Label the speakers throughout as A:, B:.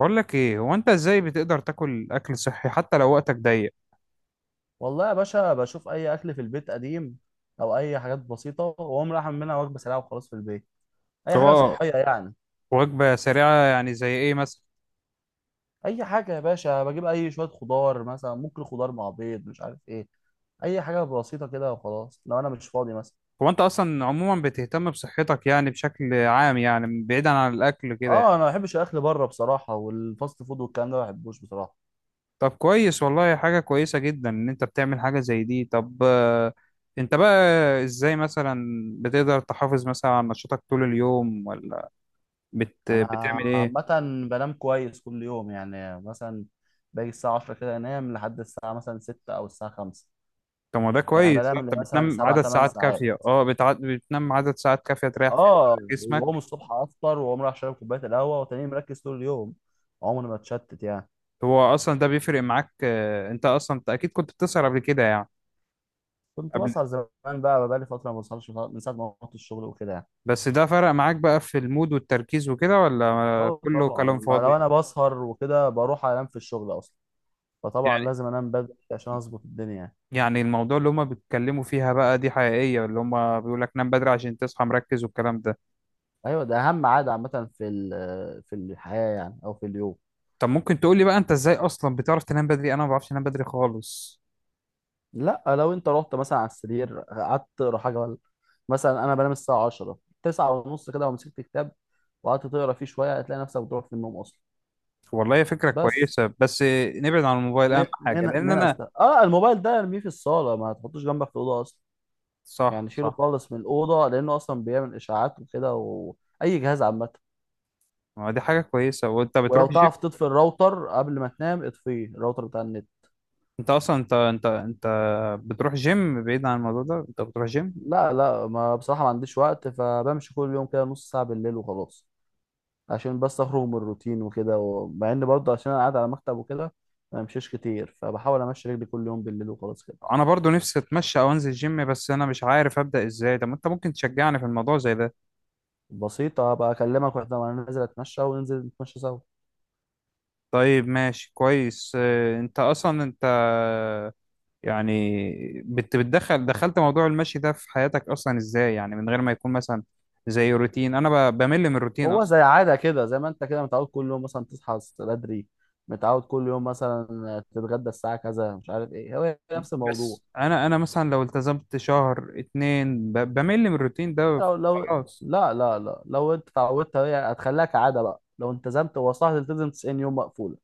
A: بقول لك ايه، هو انت ازاي بتقدر تاكل اكل صحي حتى لو وقتك ضيق؟
B: والله يا باشا، بشوف اي اكل في البيت قديم او اي حاجات بسيطه واقوم رايح اعمل منها وجبه سريعه وخلاص في البيت. اي حاجه
A: هو
B: صحيه يعني.
A: وجبة سريعة يعني زي ايه مثلا؟
B: اي حاجه يا باشا، بجيب اي شويه خضار مثلا، ممكن خضار مع بيض مش عارف ايه. اي حاجه بسيطه كده وخلاص لو انا مش فاضي مثلا.
A: هو انت اصلا عموما بتهتم بصحتك يعني بشكل عام، يعني بعيدا عن الاكل كده
B: اه،
A: يعني.
B: انا ما بحبش الاكل بره بصراحه، والفاست فود والكلام ده ما بحبوش بصراحه.
A: طب كويس والله، حاجة كويسة جدا ان انت بتعمل حاجة زي دي. طب انت بقى ازاي مثلا بتقدر تحافظ مثلا على نشاطك طول اليوم، ولا
B: انا
A: بتعمل
B: عامه
A: ايه؟
B: بنام كويس كل يوم يعني، مثلا باجي الساعه 10 كده، انام لحد الساعه مثلا 6 او الساعه 5.
A: طب ما ده
B: يعني
A: كويس،
B: بنام لي
A: انت
B: مثلا
A: بتنام
B: 7
A: عدد
B: 8
A: ساعات
B: ساعات.
A: كافية. بتنام عدد ساعات كافية تريح فيها
B: اه، يبقى هو من
A: جسمك.
B: الصبح افطر وقوم رايح شارب كوبايه القهوه، وتاني مركز طول اليوم. عمري ما اتشتت يعني.
A: هو اصلا ده بيفرق معاك. انت اكيد كنت بتسهر قبل كده يعني
B: كنت
A: قبل.
B: بسهر زمان، بقى لي فتره ما بسهرش من ساعه ما رحت الشغل وكده يعني.
A: بس ده فرق معاك بقى في المود والتركيز وكده، ولا
B: اه
A: كله
B: طبعا،
A: كلام
B: ما لو
A: فاضي؟
B: انا بسهر وكده بروح انام في الشغل اصلا، فطبعا
A: يعني
B: لازم انام بدري عشان اظبط الدنيا يعني.
A: يعني الموضوع اللي هما بيتكلموا فيها بقى دي حقيقية، اللي هما بيقول لك نام بدري عشان تصحى مركز والكلام ده؟
B: ايوه، ده اهم عاده عامه في في الحياه يعني، او في اليوم.
A: طب ممكن تقول لي بقى انت ازاي اصلا بتعرف تنام بدري؟ انا ما بعرفش انام بدري خالص.
B: لا، لو انت رحت مثلا على السرير قعدت تقرا حاجه ولا مثلا، انا بنام الساعه 10 9 ونص كده ومسكت كتاب، وقعدت تقرا فيه شويه هتلاقي نفسك بتروح في النوم اصلا.
A: والله هي فكرة
B: بس
A: كويسة، بس نبعد عن الموبايل اهم
B: من
A: حاجة
B: من
A: لان
B: من
A: انا.
B: أست... اه الموبايل ده ارميه في الصاله، ما تحطوش جنبك في الاوضه اصلا.
A: صح
B: يعني شيله
A: صح.
B: خالص من الاوضه، لانه اصلا بيعمل اشاعات وكده واي جهاز عامه.
A: ما دي حاجة كويسة، وانت
B: ولو
A: بتروح الجيم.
B: تعرف تطفي الراوتر قبل ما تنام، اطفيه الراوتر بتاع النت.
A: انت اصلا انت بتروح جيم؟ بعيد عن الموضوع ده، انت بتروح جيم؟
B: لا لا، ما بصراحه ما عنديش وقت، فبمشي كل يوم كده نص ساعه بالليل وخلاص. عشان بس اخرج من الروتين وكده، ومع ان برضه عشان انا قاعد على مكتب وكده ما بمشيش كتير، فبحاول امشي رجلي كل يوم بالليل وخلاص كده.
A: انا برضو نفسي اتمشى او انزل جيم، بس انا مش عارف ابدا ازاي. طب ما انت ممكن تشجعني في الموضوع زي ده؟
B: بسيطه بقى، اكلمك واحنا وانا نازل اتمشى، وننزل نتمشى سوا.
A: طيب ماشي كويس. اه، انت يعني بتدخل دخلت موضوع المشي ده في حياتك اصلا ازاي؟ يعني من غير ما يكون مثلا زي روتين. انا بمل من الروتين
B: هو
A: اصلا.
B: زي عادة كده، زي ما انت كده متعود كل يوم مثلا تصحى بدري، متعود كل يوم مثلا تتغدى الساعة كذا مش عارف ايه، هو نفس الموضوع.
A: بس انا مثلا لو التزمت شهر اتنين بمل من الروتين
B: انت
A: ده
B: لو،
A: خلاص.
B: لا لا لا، لو انت اتعودت هي هتخليها كعادة بقى. لو التزمت، هو صح تلتزم 90 يوم مقفولة،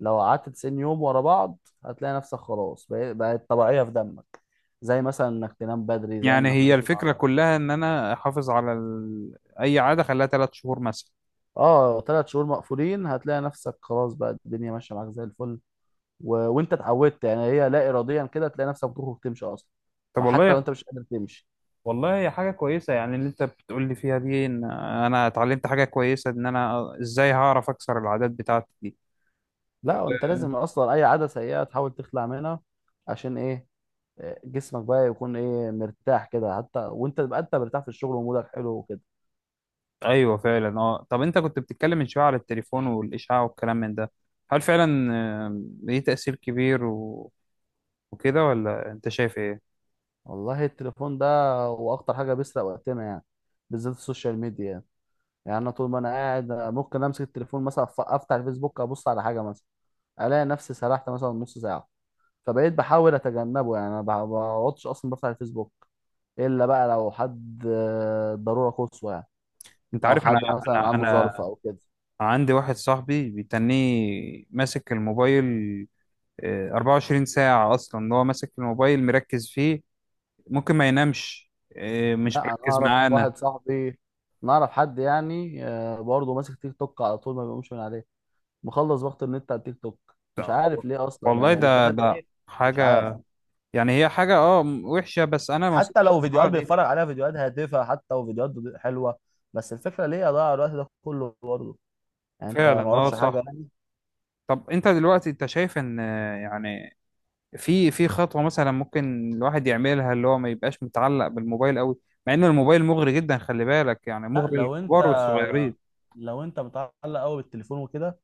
B: لو قعدت 90 يوم ورا بعض هتلاقي نفسك خلاص بقت طبيعية في دمك، زي مثلا انك تنام بدري، زي
A: يعني
B: انك
A: هي
B: تصحى.
A: الفكرة كلها ان انا احافظ على اي عادة خليها 3 شهور مثلا؟
B: اه، ثلاث شهور مقفولين هتلاقي نفسك خلاص بقى، الدنيا ماشية معاك زي الفل. وانت اتعودت يعني، هي لا اراديا كده تلاقي نفسك بتخرج تمشي اصلا.
A: طب
B: ما حتى لو
A: والله.
B: انت مش قادر تمشي.
A: والله هي حاجة كويسة يعني اللي انت بتقول لي فيها دي، ان انا اتعلمت حاجة كويسة ان انا ازاي هعرف اكسر العادات بتاعتي دي.
B: لا، انت لازم اصلا اي عاده سيئه تحاول تخلع منها. عشان ايه؟ جسمك بقى يكون ايه، مرتاح كده، حتى وانت تبقى انت مرتاح في الشغل ومودك حلو وكده.
A: ايوه فعلا. اه طب انت كنت بتتكلم من شوية على التليفون والاشعاع والكلام من ده، هل فعلا ليه تأثير كبير وكده، ولا انت شايف ايه؟
B: والله التليفون ده هو اخطر حاجه، بيسرق وقتنا يعني، بالذات السوشيال ميديا يعني. يعني انا طول ما انا قاعد ممكن امسك التليفون مثلا، افتح الفيسبوك، ابص على حاجه مثلا الاقي نفسي سرحت مثلا نص ساعه. فبقيت بحاول اتجنبه يعني، انا ما بقعدش اصلا بفتح الفيسبوك الا بقى لو حد ضروره قصوى يعني،
A: انت
B: او
A: عارف انا.
B: حد مثلا عنده
A: انا
B: ظرف او كده.
A: انا عندي واحد صاحبي بيتنيه ماسك الموبايل، 24 ساعة أصلا. اللي هو ماسك الموبايل مركز فيه، ممكن ما ينامش، مش
B: لا انا
A: مركز
B: اعرف
A: معانا.
B: واحد صاحبي، نعرف حد يعني برضه ماسك تيك توك على طول ما بيقومش من عليه، مخلص وقت النت على التيك توك، مش
A: ده-
B: عارف ليه اصلا
A: والله يا عم،
B: يعني
A: ده ده
B: بيستفاد
A: ده
B: ايه. مش عارف.
A: حاجة. يعني هي حاجة وحشة، بس أنا ما
B: حتى
A: وصلتش
B: لو
A: للمرحلة
B: فيديوهات
A: دي.
B: بيتفرج عليها، فيديوهات هادفه حتى وفيديوهات حلوه، بس الفكره ليه اضيع الوقت ده كله برضه؟ يعني انت ما
A: فعلا
B: وراكش حاجه
A: صح.
B: يعني.
A: طب أنت دلوقتي أنت شايف إن يعني في خطوة مثلا ممكن الواحد يعملها اللي هو ما يبقاش متعلق بالموبايل أوي، مع إن الموبايل مغري جدا خلي بالك، يعني
B: لا،
A: مغري
B: لو انت
A: للكبار والصغيرين.
B: لو انت متعلق قوي بالتليفون وكده،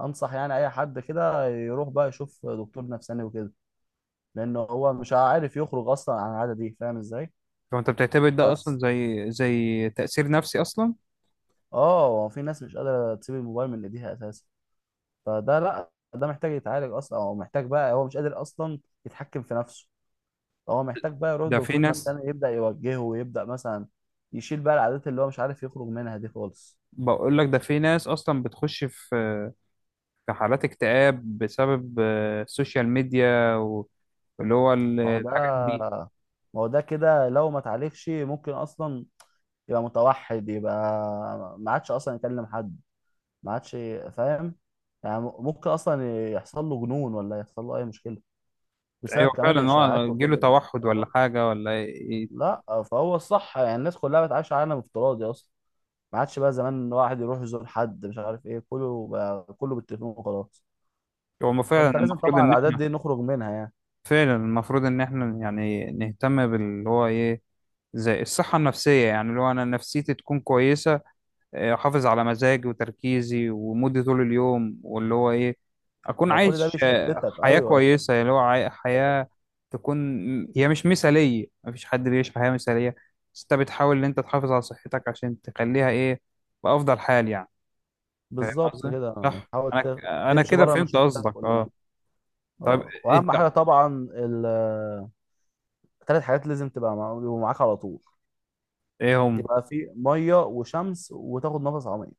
B: انصح يعني اي حد كده يروح بقى يشوف دكتور نفساني وكده، لان هو مش عارف يخرج اصلا عن العاده دي، فاهم ازاي؟
A: فأنت بتعتبر ده أصلا
B: بس
A: زي تأثير نفسي أصلا؟
B: اه، هو في ناس مش قادره تسيب الموبايل من ايديها اساسا. فده لا، ده محتاج يتعالج اصلا، او محتاج بقى هو مش قادر اصلا يتحكم في نفسه. هو محتاج بقى يروح
A: ده في
B: دكتور
A: ناس
B: نفساني يبدا يوجهه، ويبدا مثلا يشيل بقى العادات اللي هو مش عارف يخرج منها دي خالص.
A: بقول لك ده في ناس اصلا بتخش في حالات اكتئاب بسبب السوشيال ميديا واللي هو
B: ما هو ده
A: الحاجات دي.
B: ما هو ده كده لو ما اتعالجش ممكن اصلا يبقى متوحد، يبقى ما عادش اصلا يكلم حد، ما عادش، فاهم؟ يعني ممكن اصلا يحصل له جنون ولا يحصل له اي مشكله بسبب
A: ايوه
B: كمان
A: فعلا، هو
B: الاشاعات
A: يجيله
B: وكده.
A: توحد ولا
B: فهو
A: حاجه ولا إيه.
B: لا فهو الصح يعني، الناس كلها بتعيش عالم افتراضي اصلا. ما عادش بقى زمان إن واحد يروح يزور حد مش عارف ايه، كله بقى كله بالتليفون وخلاص.
A: هو ما فعلا
B: فانت لازم
A: المفروض
B: طبعا
A: ان
B: العادات
A: احنا
B: دي نخرج منها يعني.
A: فعلا المفروض ان احنا يعني نهتم باللي هو ايه، زي الصحه النفسيه يعني اللي هو انا نفسيتي تكون كويسه، احافظ على مزاجي وتركيزي ومودي طول اليوم، واللي هو ايه اكون
B: هو كل ده
A: عايش
B: بيشتتك.
A: حياة
B: ايوه
A: كويسة اللي هو حياة تكون. هي مش مثالية، مفيش حد بيعيش حياة مثالية، بس انت بتحاول ان انت تحافظ على صحتك عشان تخليها ايه، بافضل حال يعني. فاهم
B: بالظبط
A: قصدي؟
B: كده،
A: صح.
B: حاول
A: انا انا
B: تمشي
A: كده
B: بره
A: فهمت
B: المشتتات
A: قصدك
B: كلها.
A: اه. طيب
B: اه واهم
A: انت،
B: حاجه طبعا، ال- تلات حاجات لازم تبقى يبقوا معاك على طول.
A: ايه هم؟
B: يبقى في ميه وشمس وتاخد نفس عميق.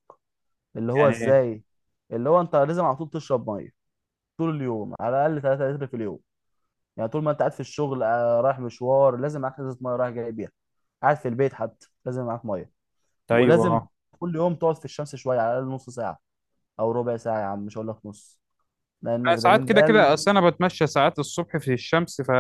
B: اللي هو
A: يعني ايه؟
B: ازاي؟ اللي هو انت لازم على طول تشرب ميه طول اليوم، على الاقل 3 لتر في اليوم. يعني طول ما انت قاعد في الشغل، رايح مشوار لازم معاك ازازه ميه رايح جاي بيها، قاعد في البيت حتى لازم معاك ميه.
A: طيب
B: ولازم
A: اه.
B: كل يوم تقعد في الشمس شويه، على الاقل نص ساعه او ربع ساعه يا عم، مش هقول لك نص، لان
A: انا
B: فيتامين
A: ساعات
B: د.
A: كده كده اصل انا بتمشى ساعات الصبح في الشمس. ف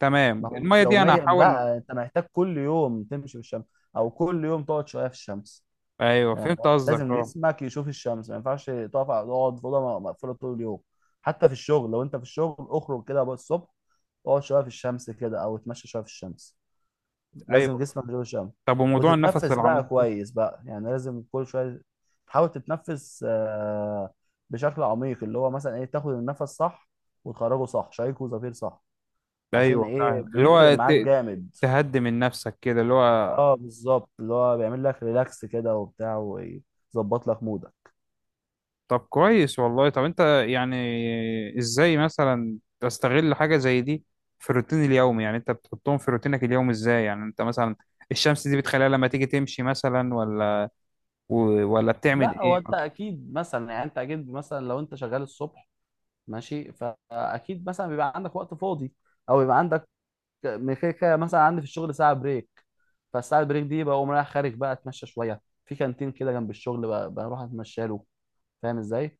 A: تمام،
B: ما هو مش
A: المية دي انا
B: يوميا
A: هحاول.
B: بقى، انت محتاج كل يوم تمشي في الشمس، او كل يوم تقعد شويه في الشمس.
A: ايوه
B: يعني
A: فهمت قصدك
B: لازم
A: اه.
B: جسمك يشوف الشمس، ما ينفعش تقف على تقعد في اوضه مقفوله طول اليوم. حتى في الشغل لو انت في الشغل، اخرج كده بقى الصبح، اقعد شويه في الشمس كده او اتمشى شويه في الشمس. لازم
A: ايوه،
B: جسمك يشوف الشمس.
A: طب وموضوع النفس
B: وتتنفس بقى
A: العميق ده؟
B: كويس بقى يعني، لازم كل شويه تحاول تتنفس بشكل عميق، اللي هو مثلا ايه، تاخد النفس صح وتخرجه صح، شهيق وزفير صح. عشان
A: ايوه
B: ايه؟
A: فاهم، اللي
B: بيفرق
A: هو
B: معاك جامد.
A: تهدي من نفسك كده اللي هو.
B: اه بالظبط، اللي هو بيعمل لك ريلاكس كده وبتاع، ويظبط لك مودك.
A: طب كويس والله. طب انت يعني ازاي مثلا تستغل حاجه زي دي في الروتين اليومي؟ يعني انت بتحطهم في روتينك اليومي ازاي يعني؟ انت مثلا الشمس دي بتخليها لما تيجي تمشي مثلا، ولا ولا بتعمل
B: لا هو
A: ايه؟
B: انت اكيد مثلا، يعني انت اكيد مثلا لو انت شغال الصبح، ماشي، فاكيد مثلا بيبقى عندك وقت فاضي، او بيبقى عندك من كده كده مثلا، عندي في الشغل ساعه بريك، فالساعه البريك دي بقوم رايح خارج بقى اتمشى شويه، في كانتين كده جنب الشغل بروح اتمشى له، فاهم ازاي؟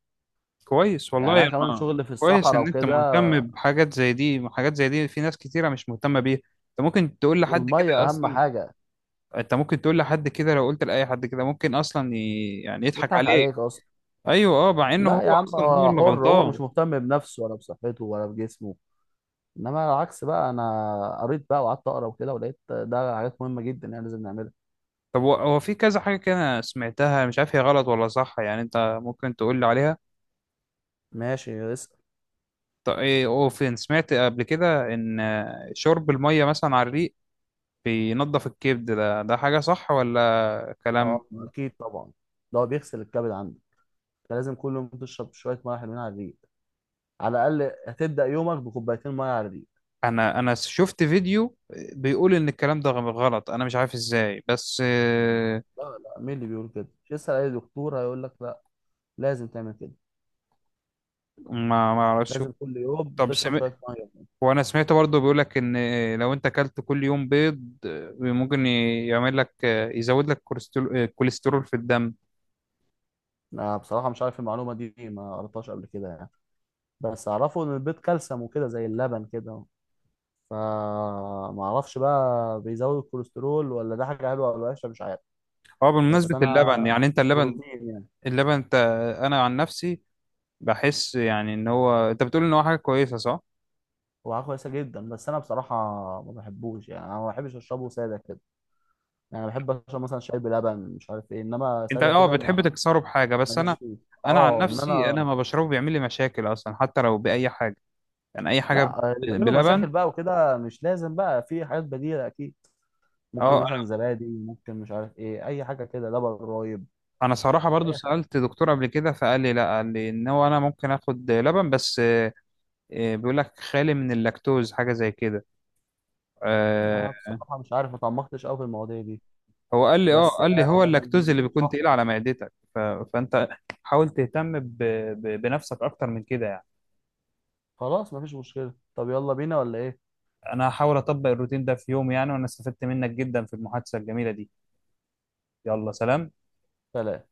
A: كويس
B: يعني
A: والله
B: انا
A: يا
B: كمان
A: ما.
B: شغل في
A: كويس
B: الصحراء
A: ان انت
B: وكده.
A: مهتم بحاجات زي دي. حاجات زي دي في ناس كتيره مش مهتمه بيها. انت ممكن تقول لحد كده
B: والميه اهم
A: اصلا
B: حاجه.
A: انت ممكن تقول لحد كده لو قلت لاي حد كده، ممكن اصلا يعني يضحك
B: يضحك
A: عليه.
B: عليك اصلا.
A: ايوه اه، مع انه
B: لا يا
A: هو
B: عم،
A: اصلا هو
B: هو
A: اللي
B: حر، هو
A: غلطان.
B: مش مهتم بنفسه ولا بصحته ولا بجسمه. انما العكس بقى، انا قريت بقى وقعدت اقرا وكده ولقيت ده حاجات مهمه جدا يعني لازم نعملها.
A: طب هو في كذا حاجه كده أنا سمعتها، مش عارف هي غلط ولا صح، يعني انت ممكن تقول لي عليها؟
B: ماشي اسال.
A: طب ايه، او فين سمعت قبل كده ان شرب الميه مثلا على الريق بينضف الكبد؟ ده حاجه صح ولا كلام؟
B: اه اكيد طبعا، ده هو بيغسل الكبد عندك، انت لازم كل يوم تشرب شويه ميه حلوين على الريق، على الاقل هتبدا يومك بكوبايتين ميه على الريق.
A: انا شفت فيديو بيقول ان الكلام ده غلط، انا مش عارف ازاي بس
B: لا لا، مين اللي بيقول؟ كده اسال اي دكتور هيقول لك لا، لازم تعمل كده،
A: ما اعرفش.
B: لازم كل يوم
A: طب
B: تشرب
A: سمعت
B: شويه ميه.
A: وانا سمعت برضو بيقولك ان لو انت اكلت كل يوم بيض، ممكن يعمل لك يزود لك الكوليسترول في الدم.
B: انا بصراحه مش عارف المعلومه دي، ما قريتهاش قبل كده يعني، بس اعرفه ان البيض كالسيوم وكده زي اللبن كده، فما اعرفش بقى بيزود الكوليسترول ولا ده حاجه حلوه ولا وحشه، مش عارف.
A: اه
B: بس
A: بمناسبة
B: انا،
A: اللبن، يعني انت اللبن،
B: بروتين يعني.
A: اللبن انت. انا عن نفسي بحس يعني ان هو انت بتقول ان هو حاجة كويسة صح؟
B: هو حاجه كويسه جدا، بس انا بصراحه ما بحبوش يعني، انا ما بحبش اشربه ساده كده، يعني بحب اشرب مثلا شاي بلبن مش عارف ايه، انما
A: انت
B: ساده
A: اه
B: كده
A: بتحب
B: ما،
A: تكسره بحاجة، بس انا
B: ماليش فيه.
A: انا عن
B: اه ان
A: نفسي انا
B: انا.
A: ما بشربه، بيعمل لي مشاكل اصلا حتى لو باي حاجة، يعني اي حاجة
B: لا، اللي بيعملوا مشاكل
A: بلبن.
B: بقى وكده مش لازم بقى، في حاجات بديله اكيد. ممكن
A: اه
B: مثلا
A: انا
B: زبادي، ممكن مش عارف ايه، اي حاجه كده، لبن رايب.
A: انا صراحة برضو
B: اي حاجة.
A: سألت دكتور قبل كده، فقال لي لا، قال لي ان هو انا ممكن اخد لبن بس إيه، بيقول لك خالي من اللاكتوز حاجه زي كده. آه
B: انا بصراحه مش عارف، ما تعمقتش قوي في المواضيع دي.
A: هو قال لي،
B: بس
A: قال لي هو
B: يعني
A: اللاكتوز اللي
B: بتشوفه
A: بيكون
B: صح
A: تقيل
B: يعني.
A: على معدتك. فانت حاول تهتم بنفسك اكتر من كده يعني.
B: خلاص مفيش مشكلة، طب يلا بينا ولا ايه؟
A: انا هحاول اطبق الروتين ده في يوم يعني، وانا استفدت منك جدا في المحادثه الجميله دي. يلا سلام.
B: سلام.